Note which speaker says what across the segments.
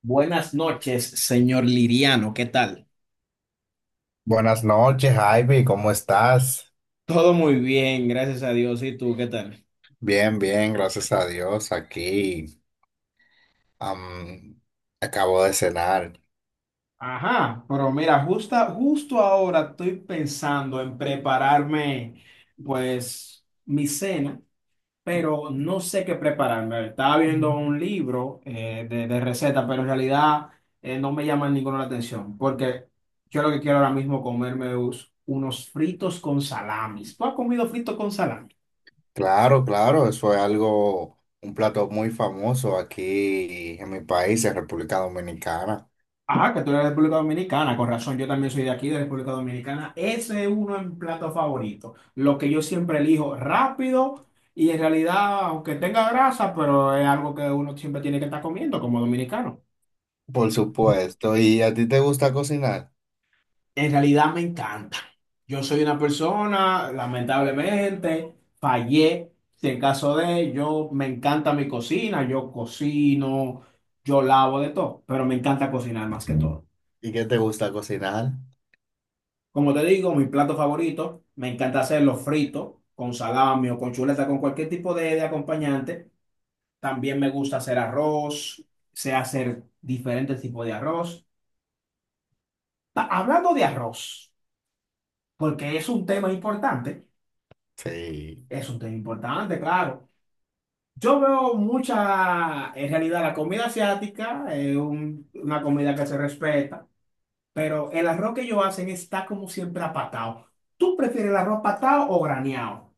Speaker 1: Buenas noches, señor Liriano, ¿qué tal?
Speaker 2: Buenas noches, Ivy, ¿cómo estás?
Speaker 1: Todo muy bien, gracias a Dios. ¿Y tú qué tal?
Speaker 2: Bien, bien, gracias a Dios, aquí. am, Acabo de cenar.
Speaker 1: Ajá, pero mira, justo ahora estoy pensando en prepararme, pues, mi cena, pero no sé qué prepararme. Estaba viendo un libro de recetas, pero en realidad no me llama ninguna la atención, porque yo lo que quiero ahora mismo comerme es unos fritos con salamis. ¿Tú has comido fritos con salami?
Speaker 2: Claro, claro, eso es algo, un plato muy famoso aquí en mi país, en República Dominicana.
Speaker 1: Ah, que tú eres de República Dominicana, con razón, yo también soy de aquí, de República Dominicana. Ese es uno en plato favorito. Lo que yo siempre elijo rápido y en realidad, aunque tenga grasa, pero es algo que uno siempre tiene que estar comiendo como dominicano.
Speaker 2: Por supuesto, ¿y a ti te gusta cocinar?
Speaker 1: En realidad me encanta. Yo soy una persona, lamentablemente, fallé. Si en caso de, yo me encanta mi cocina, yo cocino, yo lavo de todo, pero me encanta cocinar más que todo.
Speaker 2: ¿Y qué te gusta cocinar?
Speaker 1: Como te digo, mi plato favorito, me encanta hacerlo frito, con salami o con chuleta, con cualquier tipo de acompañante. También me gusta hacer arroz, sé hacer diferentes tipos de arroz. Hablando de arroz, porque es un tema importante,
Speaker 2: Sí,
Speaker 1: es un tema importante, claro. Yo veo mucha, en realidad, la comida asiática es una comida que se respeta, pero el arroz que ellos hacen está como siempre apatado. ¿Tú prefieres el arroz patado o graneado?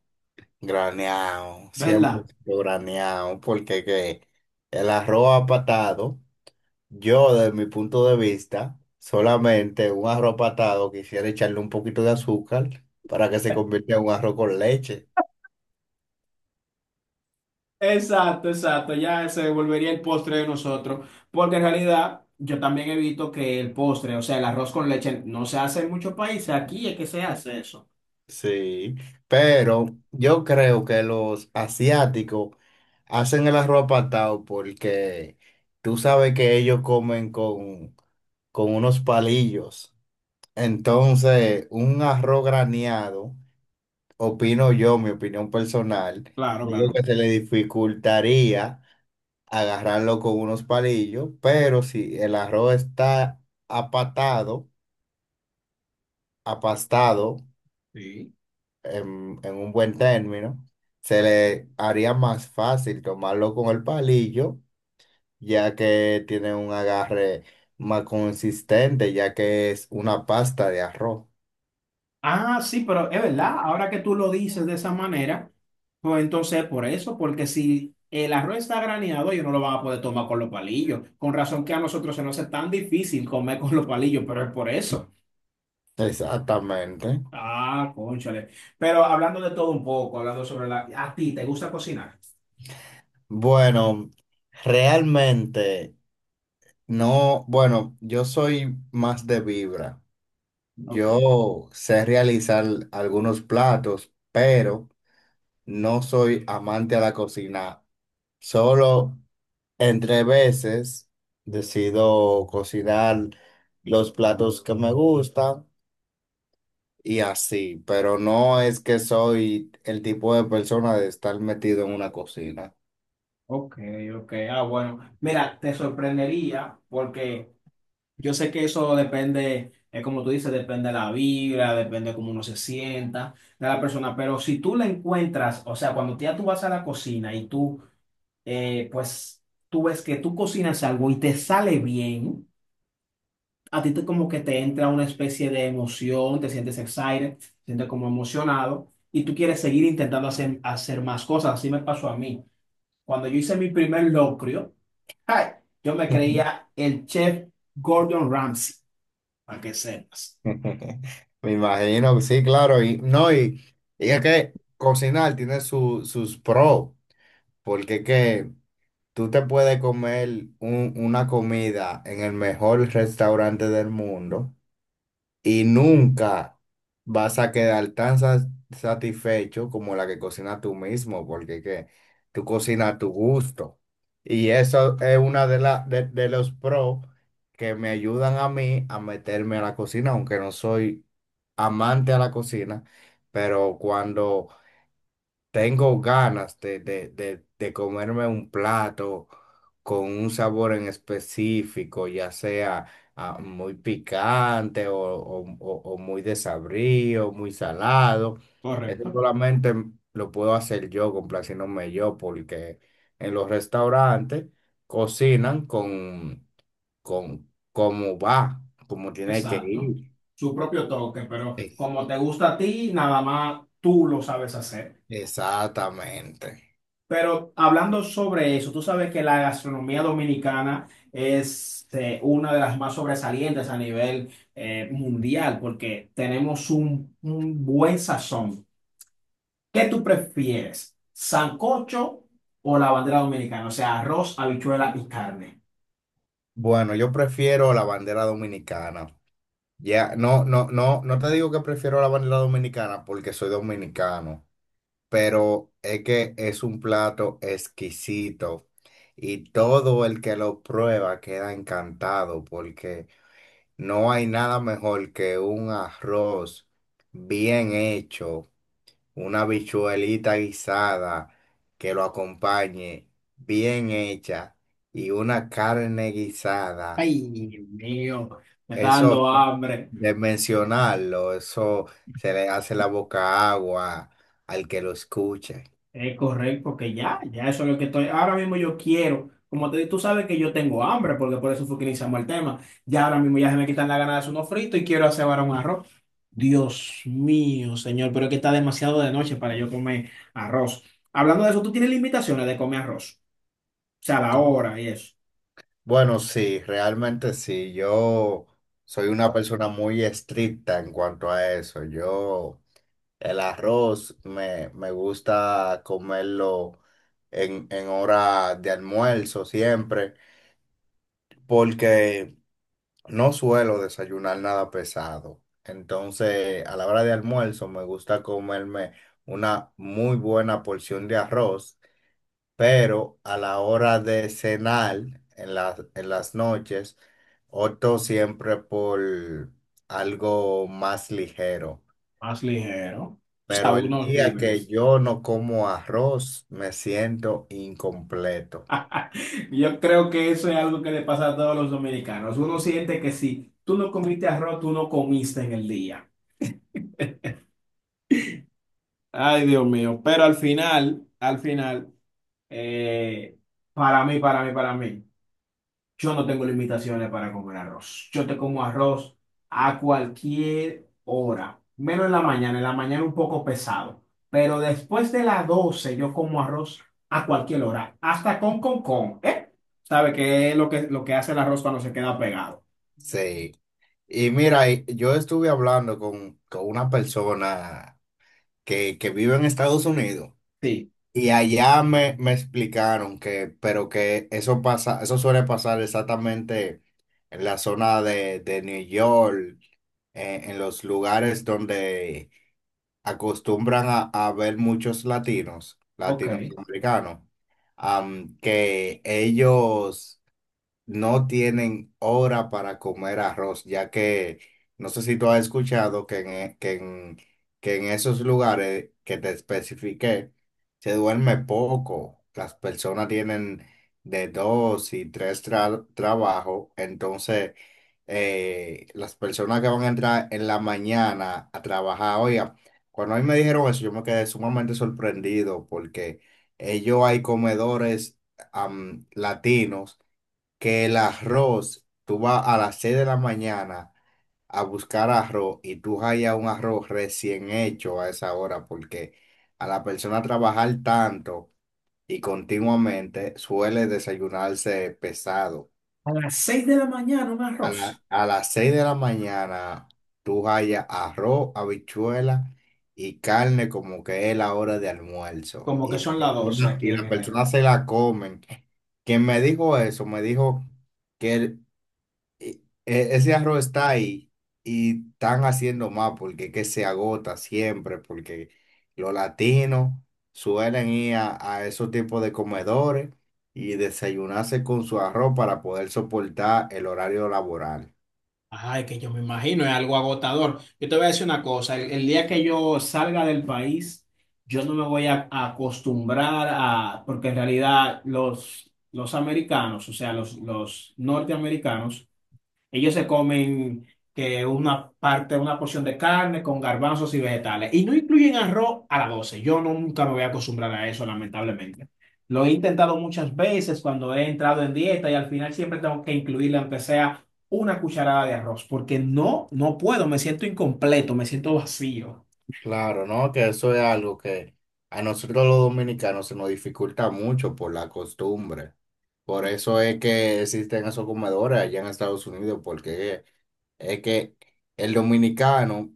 Speaker 2: graneado, siempre
Speaker 1: ¿Verdad?
Speaker 2: graneado, porque que el arroz apatado. Yo, desde mi punto de vista, solamente un arroz patado quisiera echarle un poquito de azúcar para que se convierta en un arroz con leche.
Speaker 1: Exacto, exacto, ya se volvería el postre de nosotros, porque en realidad yo también evito que el postre, o sea, el arroz con leche, no se hace en muchos países, aquí es que se hace eso.
Speaker 2: Sí, pero yo creo que los asiáticos hacen el arroz patado porque tú sabes que ellos comen con unos palillos. Entonces, un arroz graneado, opino yo, mi opinión personal,
Speaker 1: Claro,
Speaker 2: digo que
Speaker 1: claro.
Speaker 2: se le dificultaría agarrarlo con unos palillos, pero si el arroz está apatado, apastado
Speaker 1: Sí.
Speaker 2: en un buen término, se le haría más fácil tomarlo con el palillo, ya que tiene un agarre más consistente, ya que es una pasta de arroz.
Speaker 1: Ah, sí, pero es verdad, ahora que tú lo dices de esa manera, pues entonces por eso, porque si el arroz está graneado, ellos no lo van a poder tomar con los palillos, con razón que a nosotros se nos hace tan difícil comer con los palillos, pero es por eso.
Speaker 2: Exactamente.
Speaker 1: Ah, cónchale. Pero hablando de todo un poco, hablando sobre la... ¿A ti te gusta cocinar?
Speaker 2: Bueno, realmente no, bueno, yo soy más de vibra.
Speaker 1: Ok,
Speaker 2: Yo sé realizar algunos platos, pero no soy amante a la cocina. Solo entre veces decido cocinar los platos que me gustan y así, pero no es que soy el tipo de persona de estar metido en una cocina.
Speaker 1: ok, ok. Ah, bueno. Mira, te sorprendería porque yo sé que eso depende, es como tú dices, depende de la vibra, depende de cómo uno se sienta, de la persona. Pero si tú la encuentras, o sea, cuando ya tú vas a la cocina y tú, eh, pues, tú ves que tú cocinas algo y te sale bien, a ti te, como que te entra una especie de emoción, te sientes excited, te sientes como emocionado y tú quieres seguir intentando hacer, hacer más cosas. Así me pasó a mí. Cuando yo hice mi primer locrio, ay, yo me creía el chef Gordon Ramsay, para que sepas.
Speaker 2: Me imagino, sí, claro, y no, y es que cocinar tiene sus pros, porque que tú te puedes comer una comida en el mejor restaurante del mundo y nunca vas a quedar tan satisfecho como la que cocinas tú mismo, porque que tú cocinas a tu gusto. Y eso es una de los pros que me ayudan a mí a meterme a la cocina, aunque no soy amante a la cocina, pero cuando tengo ganas de comerme un plato con un sabor en específico, ya sea muy picante o muy desabrío, muy salado. Eso
Speaker 1: Correcto.
Speaker 2: solamente lo puedo hacer yo, complaciéndome yo, porque en los restaurantes cocinan con cómo va, como tiene que
Speaker 1: Exacto.
Speaker 2: ir.
Speaker 1: Su propio toque, pero
Speaker 2: Ex-
Speaker 1: como te gusta a ti, nada más tú lo sabes hacer.
Speaker 2: Exactamente.
Speaker 1: Pero hablando sobre eso, tú sabes que la gastronomía dominicana es una de las más sobresalientes a nivel mundial, porque tenemos un buen sazón. ¿Qué tú prefieres? ¿Sancocho o la bandera dominicana? O sea, arroz, habichuela y carne.
Speaker 2: Bueno, yo prefiero la bandera dominicana. Ya, no te digo que prefiero la bandeja dominicana porque soy dominicano, pero es que es un plato exquisito y todo el que lo prueba queda encantado porque no hay nada mejor que un arroz bien hecho, una habichuelita guisada que lo acompañe bien hecha y una carne guisada.
Speaker 1: Ay, Dios mío, me está
Speaker 2: Eso
Speaker 1: dando hambre.
Speaker 2: de mencionarlo, eso se le hace la boca agua al que lo escuche.
Speaker 1: Es correcto, que ya, ya eso es lo que estoy. Ahora mismo yo quiero. Como te dije, tú sabes que yo tengo hambre, porque por eso fue que iniciamos el tema. Ya ahora mismo ya se me quitan las ganas de hacer unos fritos y quiero hacer ahora un arroz. Dios mío, señor, pero es que está demasiado de noche para yo comer arroz. Hablando de eso, ¿tú tienes limitaciones de comer arroz? O sea, la
Speaker 2: ¿Cómo?
Speaker 1: hora y eso.
Speaker 2: Bueno, sí, realmente sí. Yo soy una persona muy estricta en cuanto a eso. Yo el arroz me gusta comerlo en hora de almuerzo siempre, porque no suelo desayunar nada pesado. Entonces, a la hora de almuerzo me gusta comerme una muy buena porción de arroz, pero a la hora de cenar en en las noches, opto siempre por algo más ligero.
Speaker 1: Más ligero. O sea,
Speaker 2: Pero el
Speaker 1: unos
Speaker 2: día que
Speaker 1: víveres.
Speaker 2: yo no como arroz, me siento incompleto.
Speaker 1: Yo creo que eso es algo que le pasa a todos los dominicanos. Uno siente que si tú no comiste arroz, tú no comiste en el día. Ay, Dios mío. Pero al final, eh, para mí, para mí, para mí, yo no tengo limitaciones para comer arroz. Yo te como arroz a cualquier hora, menos en la mañana. En la mañana un poco pesado. Pero después de las 12 yo como arroz a cualquier hora, hasta con, ¿eh? ¿Sabe qué es lo que hace el arroz cuando se queda pegado?
Speaker 2: Sí. Y mira, y yo estuve hablando con una persona que vive en Estados Unidos.
Speaker 1: Sí.
Speaker 2: Y allá me explicaron que, pero que eso pasa, eso suele pasar exactamente en la zona de New York, en los lugares donde acostumbran a ver muchos latinos,
Speaker 1: Ok. A
Speaker 2: latinoamericanos, que ellos no tienen hora para comer arroz, ya que no sé si tú has escuchado que en que en esos lugares que te especifiqué se duerme poco. Las personas tienen de dos y tres trabajos, entonces las personas que van a entrar en la mañana a trabajar, oiga, cuando a mí me dijeron eso, yo me quedé sumamente sorprendido porque ellos hay comedores latinos que el arroz, tú vas a las 6 de la mañana a buscar arroz y tú hallas un arroz recién hecho a esa hora, porque a la persona trabajar tanto y continuamente suele desayunarse pesado.
Speaker 1: las 6 de la mañana un
Speaker 2: A la-
Speaker 1: arroz.
Speaker 2: a las 6 de la mañana tú hallas arroz, habichuela y carne como que es la hora de almuerzo.
Speaker 1: Como que son las 12 aquí
Speaker 2: Y
Speaker 1: en
Speaker 2: la persona
Speaker 1: Herrera.
Speaker 2: se la comen. Quien me dijo eso, me dijo que ese arroz está ahí y están haciendo más porque que se agota siempre, porque los latinos suelen ir a esos tipos de comedores y desayunarse con su arroz para poder soportar el horario laboral.
Speaker 1: Ay, que yo me imagino, es algo agotador. Yo te voy a decir una cosa, el día que yo salga del país, yo no me voy a acostumbrar a, porque en realidad los americanos, o sea, los norteamericanos, ellos se comen que una parte, una porción de carne con garbanzos y vegetales. Y no incluyen arroz a las 12. Yo no- Nunca me voy a acostumbrar a eso, lamentablemente. Lo he intentado muchas veces cuando he entrado en dieta y al final siempre tengo que incluirle, aunque sea una cucharada de arroz, porque no, no puedo, me siento incompleto, me siento vacío.
Speaker 2: Claro, ¿no? Que eso es algo que a nosotros los dominicanos se nos dificulta mucho por la costumbre. Por eso es que existen esos comedores allá en Estados Unidos, porque es que el dominicano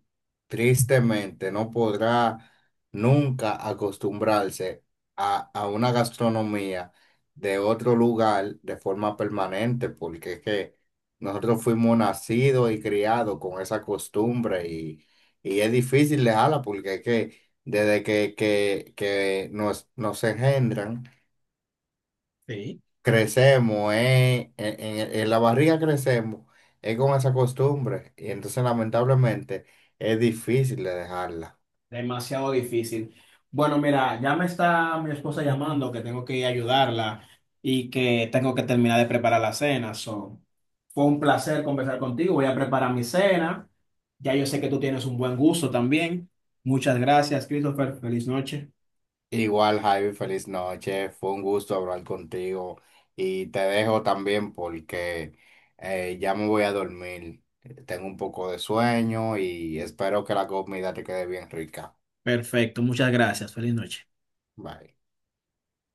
Speaker 2: tristemente no podrá nunca acostumbrarse a una gastronomía de otro lugar de forma permanente, porque es que nosotros fuimos nacidos y criados con esa costumbre y es difícil dejarla porque es que desde que nos, nos engendran,
Speaker 1: Sí.
Speaker 2: crecemos, en la barriga crecemos, es con esa costumbre. Y entonces lamentablemente es difícil de dejarla.
Speaker 1: Demasiado difícil. Bueno, mira, ya me está mi esposa llamando que tengo que ir a ayudarla y que tengo que terminar de preparar la cena. So, fue un placer conversar contigo. Voy a preparar mi cena. Ya yo sé que tú tienes un buen gusto también. Muchas gracias, Christopher. Feliz noche.
Speaker 2: Igual, Javi, feliz noche, fue un gusto hablar contigo y te dejo también porque ya me voy a dormir. Tengo un poco de sueño y espero que la comida te quede bien rica.
Speaker 1: Perfecto, muchas gracias. Feliz noche.
Speaker 2: Bye.